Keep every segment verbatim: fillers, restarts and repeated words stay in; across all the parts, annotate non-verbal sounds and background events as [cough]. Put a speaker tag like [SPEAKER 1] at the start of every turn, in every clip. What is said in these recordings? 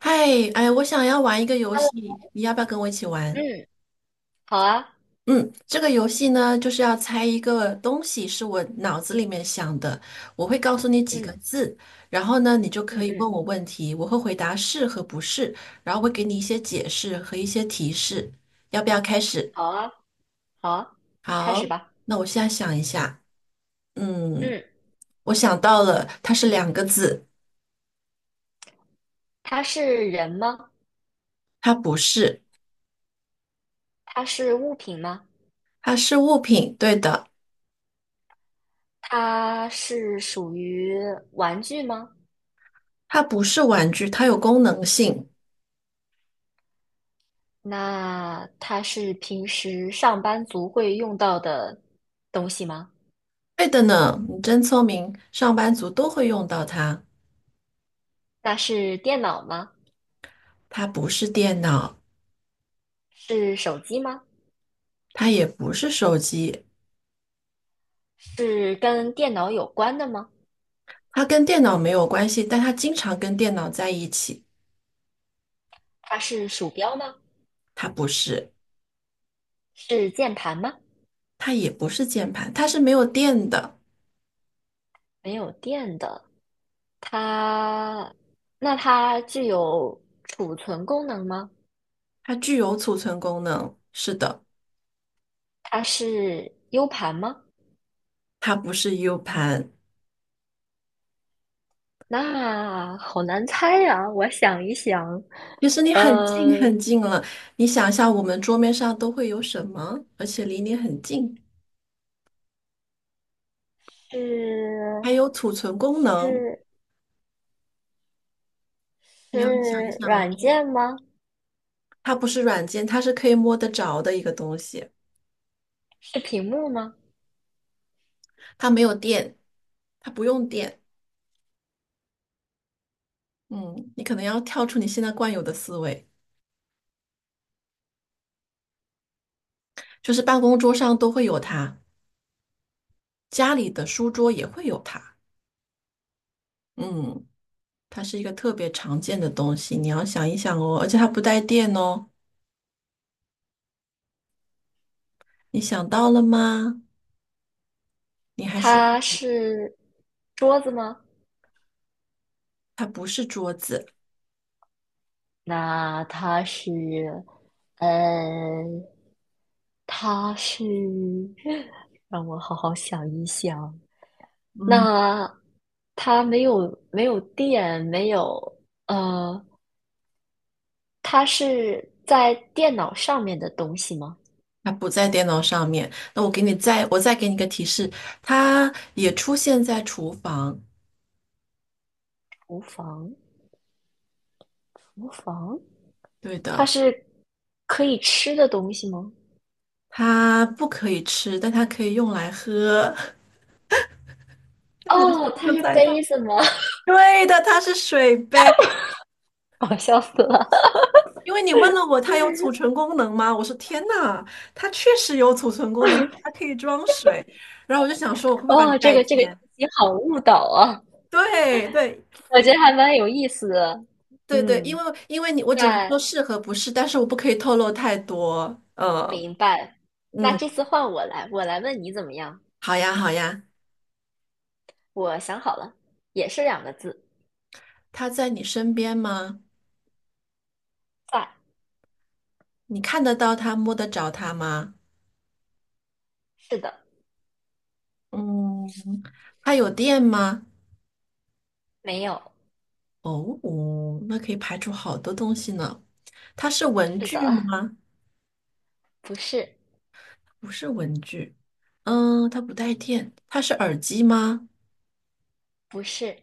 [SPEAKER 1] 嗨，哎，我想要玩一个游
[SPEAKER 2] Hello，
[SPEAKER 1] 戏，你要不要跟我一起玩？
[SPEAKER 2] 嗯，好啊，
[SPEAKER 1] 嗯，这个游戏呢，就是要猜一个东西，是我脑子里面想的，我会告诉你几个
[SPEAKER 2] 嗯
[SPEAKER 1] 字，然后呢，你就可
[SPEAKER 2] 嗯
[SPEAKER 1] 以问
[SPEAKER 2] 嗯，
[SPEAKER 1] 我问题，我会回答是和不是，然后会给你一些解释和一些提示。要不要开始？
[SPEAKER 2] 好啊，好啊，开
[SPEAKER 1] 好，
[SPEAKER 2] 始吧。
[SPEAKER 1] 那我现在想一下，嗯，
[SPEAKER 2] 嗯，
[SPEAKER 1] 我想到了，它是两个字，
[SPEAKER 2] 它是人吗？
[SPEAKER 1] 它不是，
[SPEAKER 2] 它是物品吗？
[SPEAKER 1] 它是物品，对的，
[SPEAKER 2] 它是属于玩具吗？
[SPEAKER 1] 它不是玩具，它有功能性。
[SPEAKER 2] 那它是平时上班族会用到的东西吗？
[SPEAKER 1] 对的呢，你真聪明，上班族都会用到它。
[SPEAKER 2] 那是电脑吗？
[SPEAKER 1] 它不是电脑，
[SPEAKER 2] 是手机吗？
[SPEAKER 1] 它也不是手机，
[SPEAKER 2] 是跟电脑有关的吗？
[SPEAKER 1] 它跟电脑没有关系，但它经常跟电脑在一起。
[SPEAKER 2] 它是鼠标吗？
[SPEAKER 1] 它不是，
[SPEAKER 2] 是键盘吗？
[SPEAKER 1] 它也不是键盘，它是没有电的，
[SPEAKER 2] 没有电的。它，那它具有储存功能吗？
[SPEAKER 1] 它具有储存功能。是的，
[SPEAKER 2] 它是 U 盘吗？
[SPEAKER 1] 它不是 U 盘。
[SPEAKER 2] 那好难猜呀，我想一想，
[SPEAKER 1] 其实你很近
[SPEAKER 2] 呃，
[SPEAKER 1] 很近了，你想象我们桌面上都会有什么，而且离你很近，
[SPEAKER 2] 是
[SPEAKER 1] 还有储存功能。
[SPEAKER 2] 是
[SPEAKER 1] 你要想一
[SPEAKER 2] 是
[SPEAKER 1] 想哦。
[SPEAKER 2] 软件吗？
[SPEAKER 1] 它不是软件，它是可以摸得着的一个东西，
[SPEAKER 2] 是屏幕吗？
[SPEAKER 1] 它没有电，它不用电。嗯，你可能要跳出你现在惯有的思维，就是办公桌上都会有它，家里的书桌也会有它。嗯，它是一个特别常见的东西，你要想一想哦，而且它不带电哦，你想到了吗？你还是，
[SPEAKER 2] 它是桌子吗？
[SPEAKER 1] 它不是桌子，
[SPEAKER 2] 那它是，呃，它是，[laughs] 让我好好想一想，那它没有没有电，没有呃，它是在电脑上面的东西吗？
[SPEAKER 1] 它不在电脑上面。那我给你再，我再给你一个提示，它也出现在厨房。
[SPEAKER 2] 厨房，厨房，
[SPEAKER 1] 对
[SPEAKER 2] 它
[SPEAKER 1] 的。
[SPEAKER 2] 是可以吃的东西吗？
[SPEAKER 1] 它不可以吃，但它可以用来喝。[laughs] 这么
[SPEAKER 2] 哦，它
[SPEAKER 1] 就
[SPEAKER 2] 是
[SPEAKER 1] 猜到？
[SPEAKER 2] 杯子吗？
[SPEAKER 1] 对的，它是水杯。
[SPEAKER 2] [laughs] 我笑死了！
[SPEAKER 1] 因为你问了我它有储存功能吗？我说天呐，它确实有储存功能，它可以装水。然后我就想说，我会不会把你
[SPEAKER 2] 哦，这
[SPEAKER 1] 带
[SPEAKER 2] 个这个信
[SPEAKER 1] 偏？
[SPEAKER 2] 息好误导啊，
[SPEAKER 1] 对对
[SPEAKER 2] 我觉得还蛮有意思的。
[SPEAKER 1] 对对，因
[SPEAKER 2] 嗯，
[SPEAKER 1] 为因为你我只能
[SPEAKER 2] 那
[SPEAKER 1] 说是和不是，但是我不可以透露太多。呃，
[SPEAKER 2] 明白。那
[SPEAKER 1] 嗯，
[SPEAKER 2] 这次换我来，我来问你怎么样？
[SPEAKER 1] 好呀好呀，
[SPEAKER 2] 我想好了，也是两个字，
[SPEAKER 1] 它在你身边吗？
[SPEAKER 2] 在，
[SPEAKER 1] 你看得到它，摸得着它吗？
[SPEAKER 2] 是的，
[SPEAKER 1] 嗯，它有电吗？
[SPEAKER 2] 没有。
[SPEAKER 1] 哦哦那可以排除好多东西呢。它是文
[SPEAKER 2] 是
[SPEAKER 1] 具
[SPEAKER 2] 的，
[SPEAKER 1] 吗？
[SPEAKER 2] 不是，
[SPEAKER 1] 不是文具。嗯，它不带电。它是耳机吗？
[SPEAKER 2] 不是，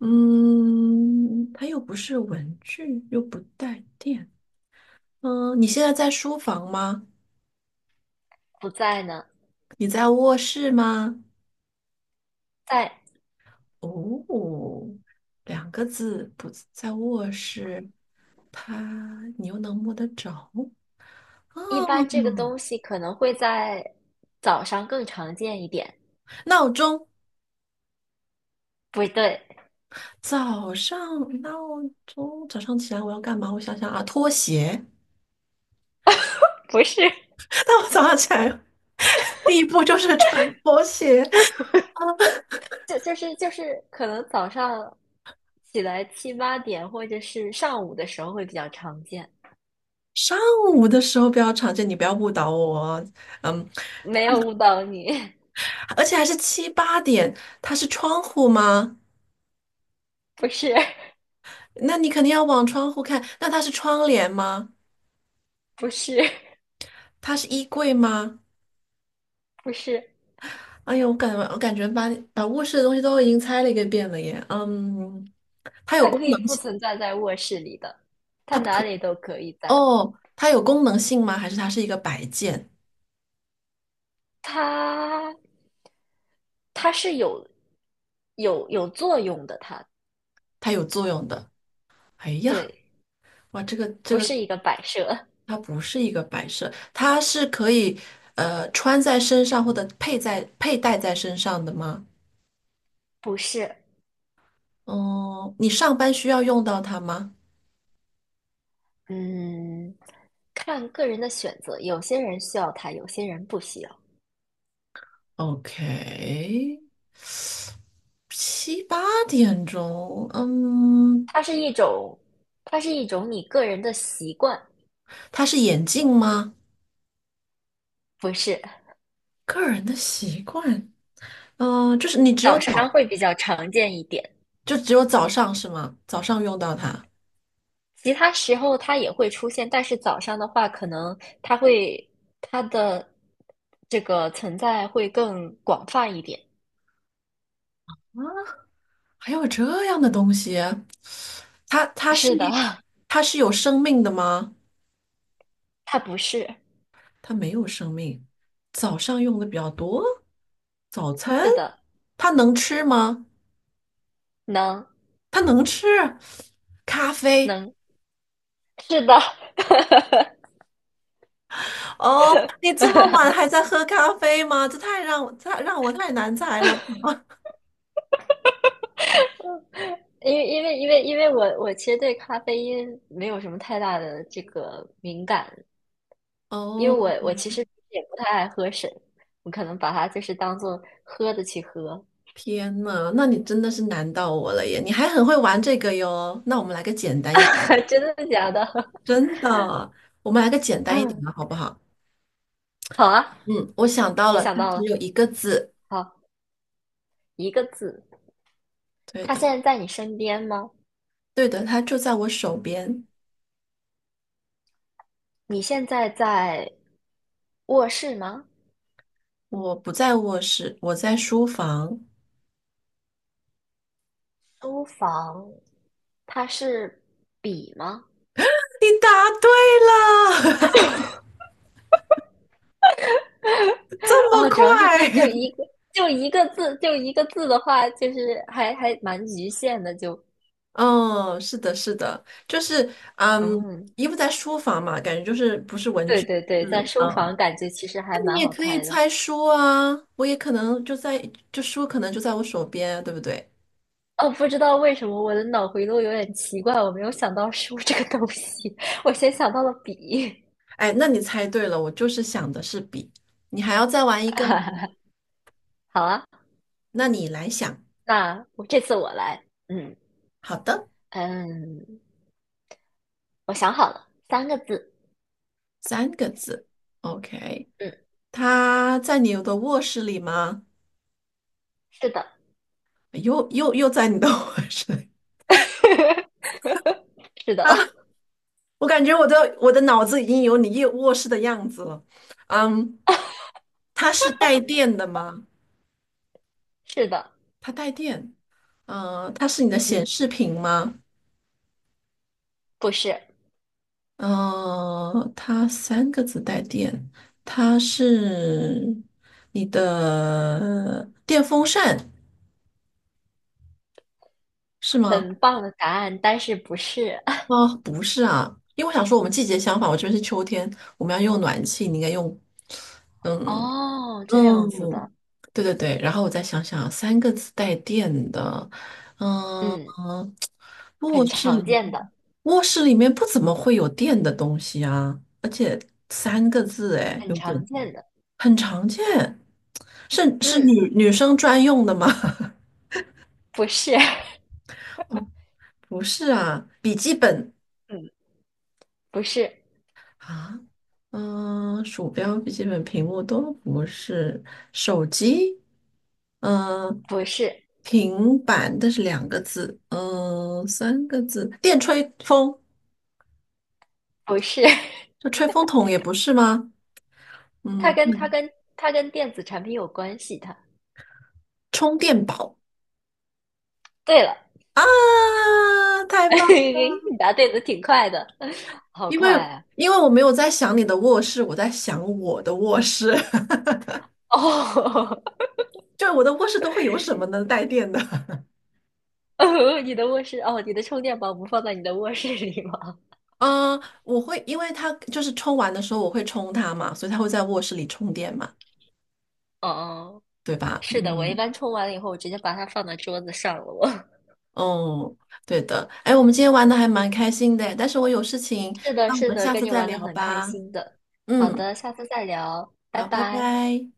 [SPEAKER 1] 嗯，它又不是文具，又不带电。嗯，你现在在书房吗？
[SPEAKER 2] 不在呢，
[SPEAKER 1] 你在卧室吗？
[SPEAKER 2] 在
[SPEAKER 1] 哦，两个字，不在卧室。它，你又能摸得着？
[SPEAKER 2] 一
[SPEAKER 1] 哦，
[SPEAKER 2] 般这个东西可能会在早上更常见一点。
[SPEAKER 1] 闹钟。
[SPEAKER 2] 不对
[SPEAKER 1] 早上闹钟，早上起来我要干嘛？我想想啊，拖鞋。
[SPEAKER 2] [laughs]，不是，[laughs]
[SPEAKER 1] [laughs] 那我早上起来第一步就是穿拖鞋。
[SPEAKER 2] 就就是就是可能早上起来七八点或者是上午的时候会比较常见。
[SPEAKER 1] 上午的时候比较常见，你不要误导我哦嗯，
[SPEAKER 2] 没有误导你，
[SPEAKER 1] 而且还是七八点，它是窗户吗？
[SPEAKER 2] [laughs] 不是，
[SPEAKER 1] 那你肯定要往窗户看。那它是窗帘吗？
[SPEAKER 2] 不是，
[SPEAKER 1] 它是衣柜吗？
[SPEAKER 2] 不是，
[SPEAKER 1] 哎呦，我感我感觉把把卧室的东西都已经猜了一个遍了耶。嗯，它有
[SPEAKER 2] 它
[SPEAKER 1] 功
[SPEAKER 2] 可以
[SPEAKER 1] 能
[SPEAKER 2] 不
[SPEAKER 1] 性，
[SPEAKER 2] 存在在卧室里的，它
[SPEAKER 1] 它不
[SPEAKER 2] 哪
[SPEAKER 1] 可，
[SPEAKER 2] 里都可以在，
[SPEAKER 1] 哦，它有功能性吗？还是它是一个摆件？
[SPEAKER 2] 它它是有有有作用的，它
[SPEAKER 1] 它有作用的。哎呀，
[SPEAKER 2] 对。
[SPEAKER 1] 哇，这个这
[SPEAKER 2] 不
[SPEAKER 1] 个
[SPEAKER 2] 是一个摆设，
[SPEAKER 1] 它不是一个摆设，它是可以呃穿在身上或者佩在佩戴在身上的吗？
[SPEAKER 2] 不是，
[SPEAKER 1] 嗯，你上班需要用到它吗
[SPEAKER 2] 嗯，看个人的选择，有些人需要它，有些人不需要。
[SPEAKER 1] ？OK，七八点钟，嗯，
[SPEAKER 2] 它是一种，它是一种你个人的习惯，
[SPEAKER 1] 它是眼镜吗？
[SPEAKER 2] 不是。
[SPEAKER 1] 个人的习惯，嗯，就是你只有
[SPEAKER 2] 早上
[SPEAKER 1] 早，
[SPEAKER 2] 会比较常见一点，
[SPEAKER 1] 就只有早上是吗？早上用到它啊，
[SPEAKER 2] 其他时候它也会出现，但是早上的话，可能它会它的这个存在会更广泛一点。
[SPEAKER 1] 还有这样的东西。它它是
[SPEAKER 2] 是
[SPEAKER 1] 一
[SPEAKER 2] 的，
[SPEAKER 1] 它是有生命的吗？
[SPEAKER 2] [laughs] 它不是，
[SPEAKER 1] 它没有生命。早上用的比较多，早餐
[SPEAKER 2] 是的，
[SPEAKER 1] 它能吃吗？
[SPEAKER 2] 能
[SPEAKER 1] 它能吃咖啡
[SPEAKER 2] 能，是的。
[SPEAKER 1] 哦。你这么晚还在喝咖啡吗？这太让我太让我太难猜了。
[SPEAKER 2] 因为因为因为因为我我其实对咖啡因没有什么太大的这个敏感，因为
[SPEAKER 1] 哦，
[SPEAKER 2] 我我其实也不太爱喝水，我可能把它就是当做喝的去喝，
[SPEAKER 1] 天呐，那你真的是难到我了耶！你还很会玩这个哟。那我们来个简单一点，
[SPEAKER 2] [laughs] 真的假的？
[SPEAKER 1] 真的，我们来个简
[SPEAKER 2] [laughs]
[SPEAKER 1] 单一点
[SPEAKER 2] 嗯
[SPEAKER 1] 的好不好？
[SPEAKER 2] 好啊，
[SPEAKER 1] 嗯，我想到
[SPEAKER 2] 你
[SPEAKER 1] 了，
[SPEAKER 2] 想
[SPEAKER 1] 它
[SPEAKER 2] 到
[SPEAKER 1] 只
[SPEAKER 2] 了，
[SPEAKER 1] 有一个字。
[SPEAKER 2] 好，一个字，
[SPEAKER 1] 对
[SPEAKER 2] 他
[SPEAKER 1] 的。
[SPEAKER 2] 现在在你身边吗？
[SPEAKER 1] 对的，它就在我手边。
[SPEAKER 2] 你现在在卧室吗？
[SPEAKER 1] 我不在卧室，我在书房。
[SPEAKER 2] 书房，它是笔吗？
[SPEAKER 1] [laughs] 你答对了，[laughs] 这么
[SPEAKER 2] 哦，主要是这就
[SPEAKER 1] 快？
[SPEAKER 2] 一个就一个字就一个字的话，就是还还蛮局限的，就
[SPEAKER 1] [laughs] 嗯，是的，是的，就是嗯，
[SPEAKER 2] 嗯，
[SPEAKER 1] 衣服在书房嘛，感觉就是不是文
[SPEAKER 2] 对
[SPEAKER 1] 具，
[SPEAKER 2] 对对，在
[SPEAKER 1] 是
[SPEAKER 2] 书
[SPEAKER 1] 嗯，
[SPEAKER 2] 房感觉其实还
[SPEAKER 1] 那你
[SPEAKER 2] 蛮
[SPEAKER 1] 也
[SPEAKER 2] 好
[SPEAKER 1] 可以
[SPEAKER 2] 猜的。
[SPEAKER 1] 猜书啊，我也可能就在，就书可能就在我手边啊，对不对？
[SPEAKER 2] 哦，不知道为什么我的脑回路有点奇怪，我没有想到书这个东西，[laughs] 我先想到了笔。
[SPEAKER 1] 哎，那你猜对了，我就是想的是笔，你还要再玩一个吗？
[SPEAKER 2] [laughs] 好啊，
[SPEAKER 1] 那你来想，
[SPEAKER 2] 那我这次我来，嗯
[SPEAKER 1] 好的，
[SPEAKER 2] 嗯，我想好了，三个字，
[SPEAKER 1] 三个字，OK。
[SPEAKER 2] 嗯，
[SPEAKER 1] 他在你的卧室里吗？
[SPEAKER 2] 是的，
[SPEAKER 1] 又又又在你的 [laughs] 卧室里
[SPEAKER 2] [laughs] 是的，
[SPEAKER 1] 啊！我感觉我的我的脑子已经有你夜卧室的样子了。嗯，它是带电的吗？
[SPEAKER 2] 是的，
[SPEAKER 1] 它带电。嗯、呃它是你的显
[SPEAKER 2] 嗯，
[SPEAKER 1] 示屏吗？
[SPEAKER 2] 不是，
[SPEAKER 1] 嗯、呃它三个字带电，它是你的电风扇是吗？
[SPEAKER 2] 很棒的答案，但是不是？[laughs]
[SPEAKER 1] 哦，不是啊，因为我想说我们季节相反，我这边是秋天，我们要用暖气，你应该用嗯
[SPEAKER 2] 哦，这样子的，
[SPEAKER 1] 嗯，对对对，然后我再想想，三个字带电的，嗯
[SPEAKER 2] 嗯，
[SPEAKER 1] 嗯，卧
[SPEAKER 2] 很
[SPEAKER 1] 室里
[SPEAKER 2] 常
[SPEAKER 1] 面，
[SPEAKER 2] 见的，
[SPEAKER 1] 卧室里面不怎么会有电的东西啊，而且三个字，哎，
[SPEAKER 2] 很
[SPEAKER 1] 有点
[SPEAKER 2] 常见的，
[SPEAKER 1] 很常见，是是
[SPEAKER 2] 嗯，
[SPEAKER 1] 女女生专用的吗？
[SPEAKER 2] 不是，
[SPEAKER 1] [laughs] 哦，不是啊，笔记本
[SPEAKER 2] [laughs] 嗯，不是，
[SPEAKER 1] 啊，嗯，鼠标、笔记本、屏幕都不是，手机，嗯，
[SPEAKER 2] 不是，
[SPEAKER 1] 平板，但是两个字，嗯，三个字，电吹风，
[SPEAKER 2] 不是，[laughs]
[SPEAKER 1] 这吹风筒也不是吗？
[SPEAKER 2] 它
[SPEAKER 1] 嗯，
[SPEAKER 2] 跟它跟它跟电子产品有关系，它。
[SPEAKER 1] 充电宝
[SPEAKER 2] 对了，
[SPEAKER 1] 啊，太棒！
[SPEAKER 2] [laughs] 你答对的挺快的，[laughs] 好
[SPEAKER 1] 因
[SPEAKER 2] 快
[SPEAKER 1] 为
[SPEAKER 2] 啊！
[SPEAKER 1] 因为我没有在想你的卧室，我在想我的卧室，[laughs]
[SPEAKER 2] 哦，
[SPEAKER 1] 就我的卧室都会有什么能带电的？
[SPEAKER 2] [laughs] 哦，你的卧室，哦，你的充电宝不放在你的卧室里吗？
[SPEAKER 1] 嗯，我会，因为他就是充完的时候我会充它嘛，所以它会在卧室里充电嘛，
[SPEAKER 2] [laughs] 哦，哦
[SPEAKER 1] 对吧？
[SPEAKER 2] 是的，我一
[SPEAKER 1] 嗯，
[SPEAKER 2] 般充完了以后，我直接把它放到桌子上了，我。
[SPEAKER 1] 哦，对的。哎，我们今天玩的还蛮开心的，但是我有事情，
[SPEAKER 2] 是的，
[SPEAKER 1] 那我
[SPEAKER 2] 是
[SPEAKER 1] 们
[SPEAKER 2] 的，
[SPEAKER 1] 下
[SPEAKER 2] 跟
[SPEAKER 1] 次
[SPEAKER 2] 你
[SPEAKER 1] 再
[SPEAKER 2] 玩的
[SPEAKER 1] 聊
[SPEAKER 2] 很开
[SPEAKER 1] 吧。
[SPEAKER 2] 心的。好
[SPEAKER 1] 嗯，
[SPEAKER 2] 的，下次再聊，拜
[SPEAKER 1] 好，拜
[SPEAKER 2] 拜。
[SPEAKER 1] 拜。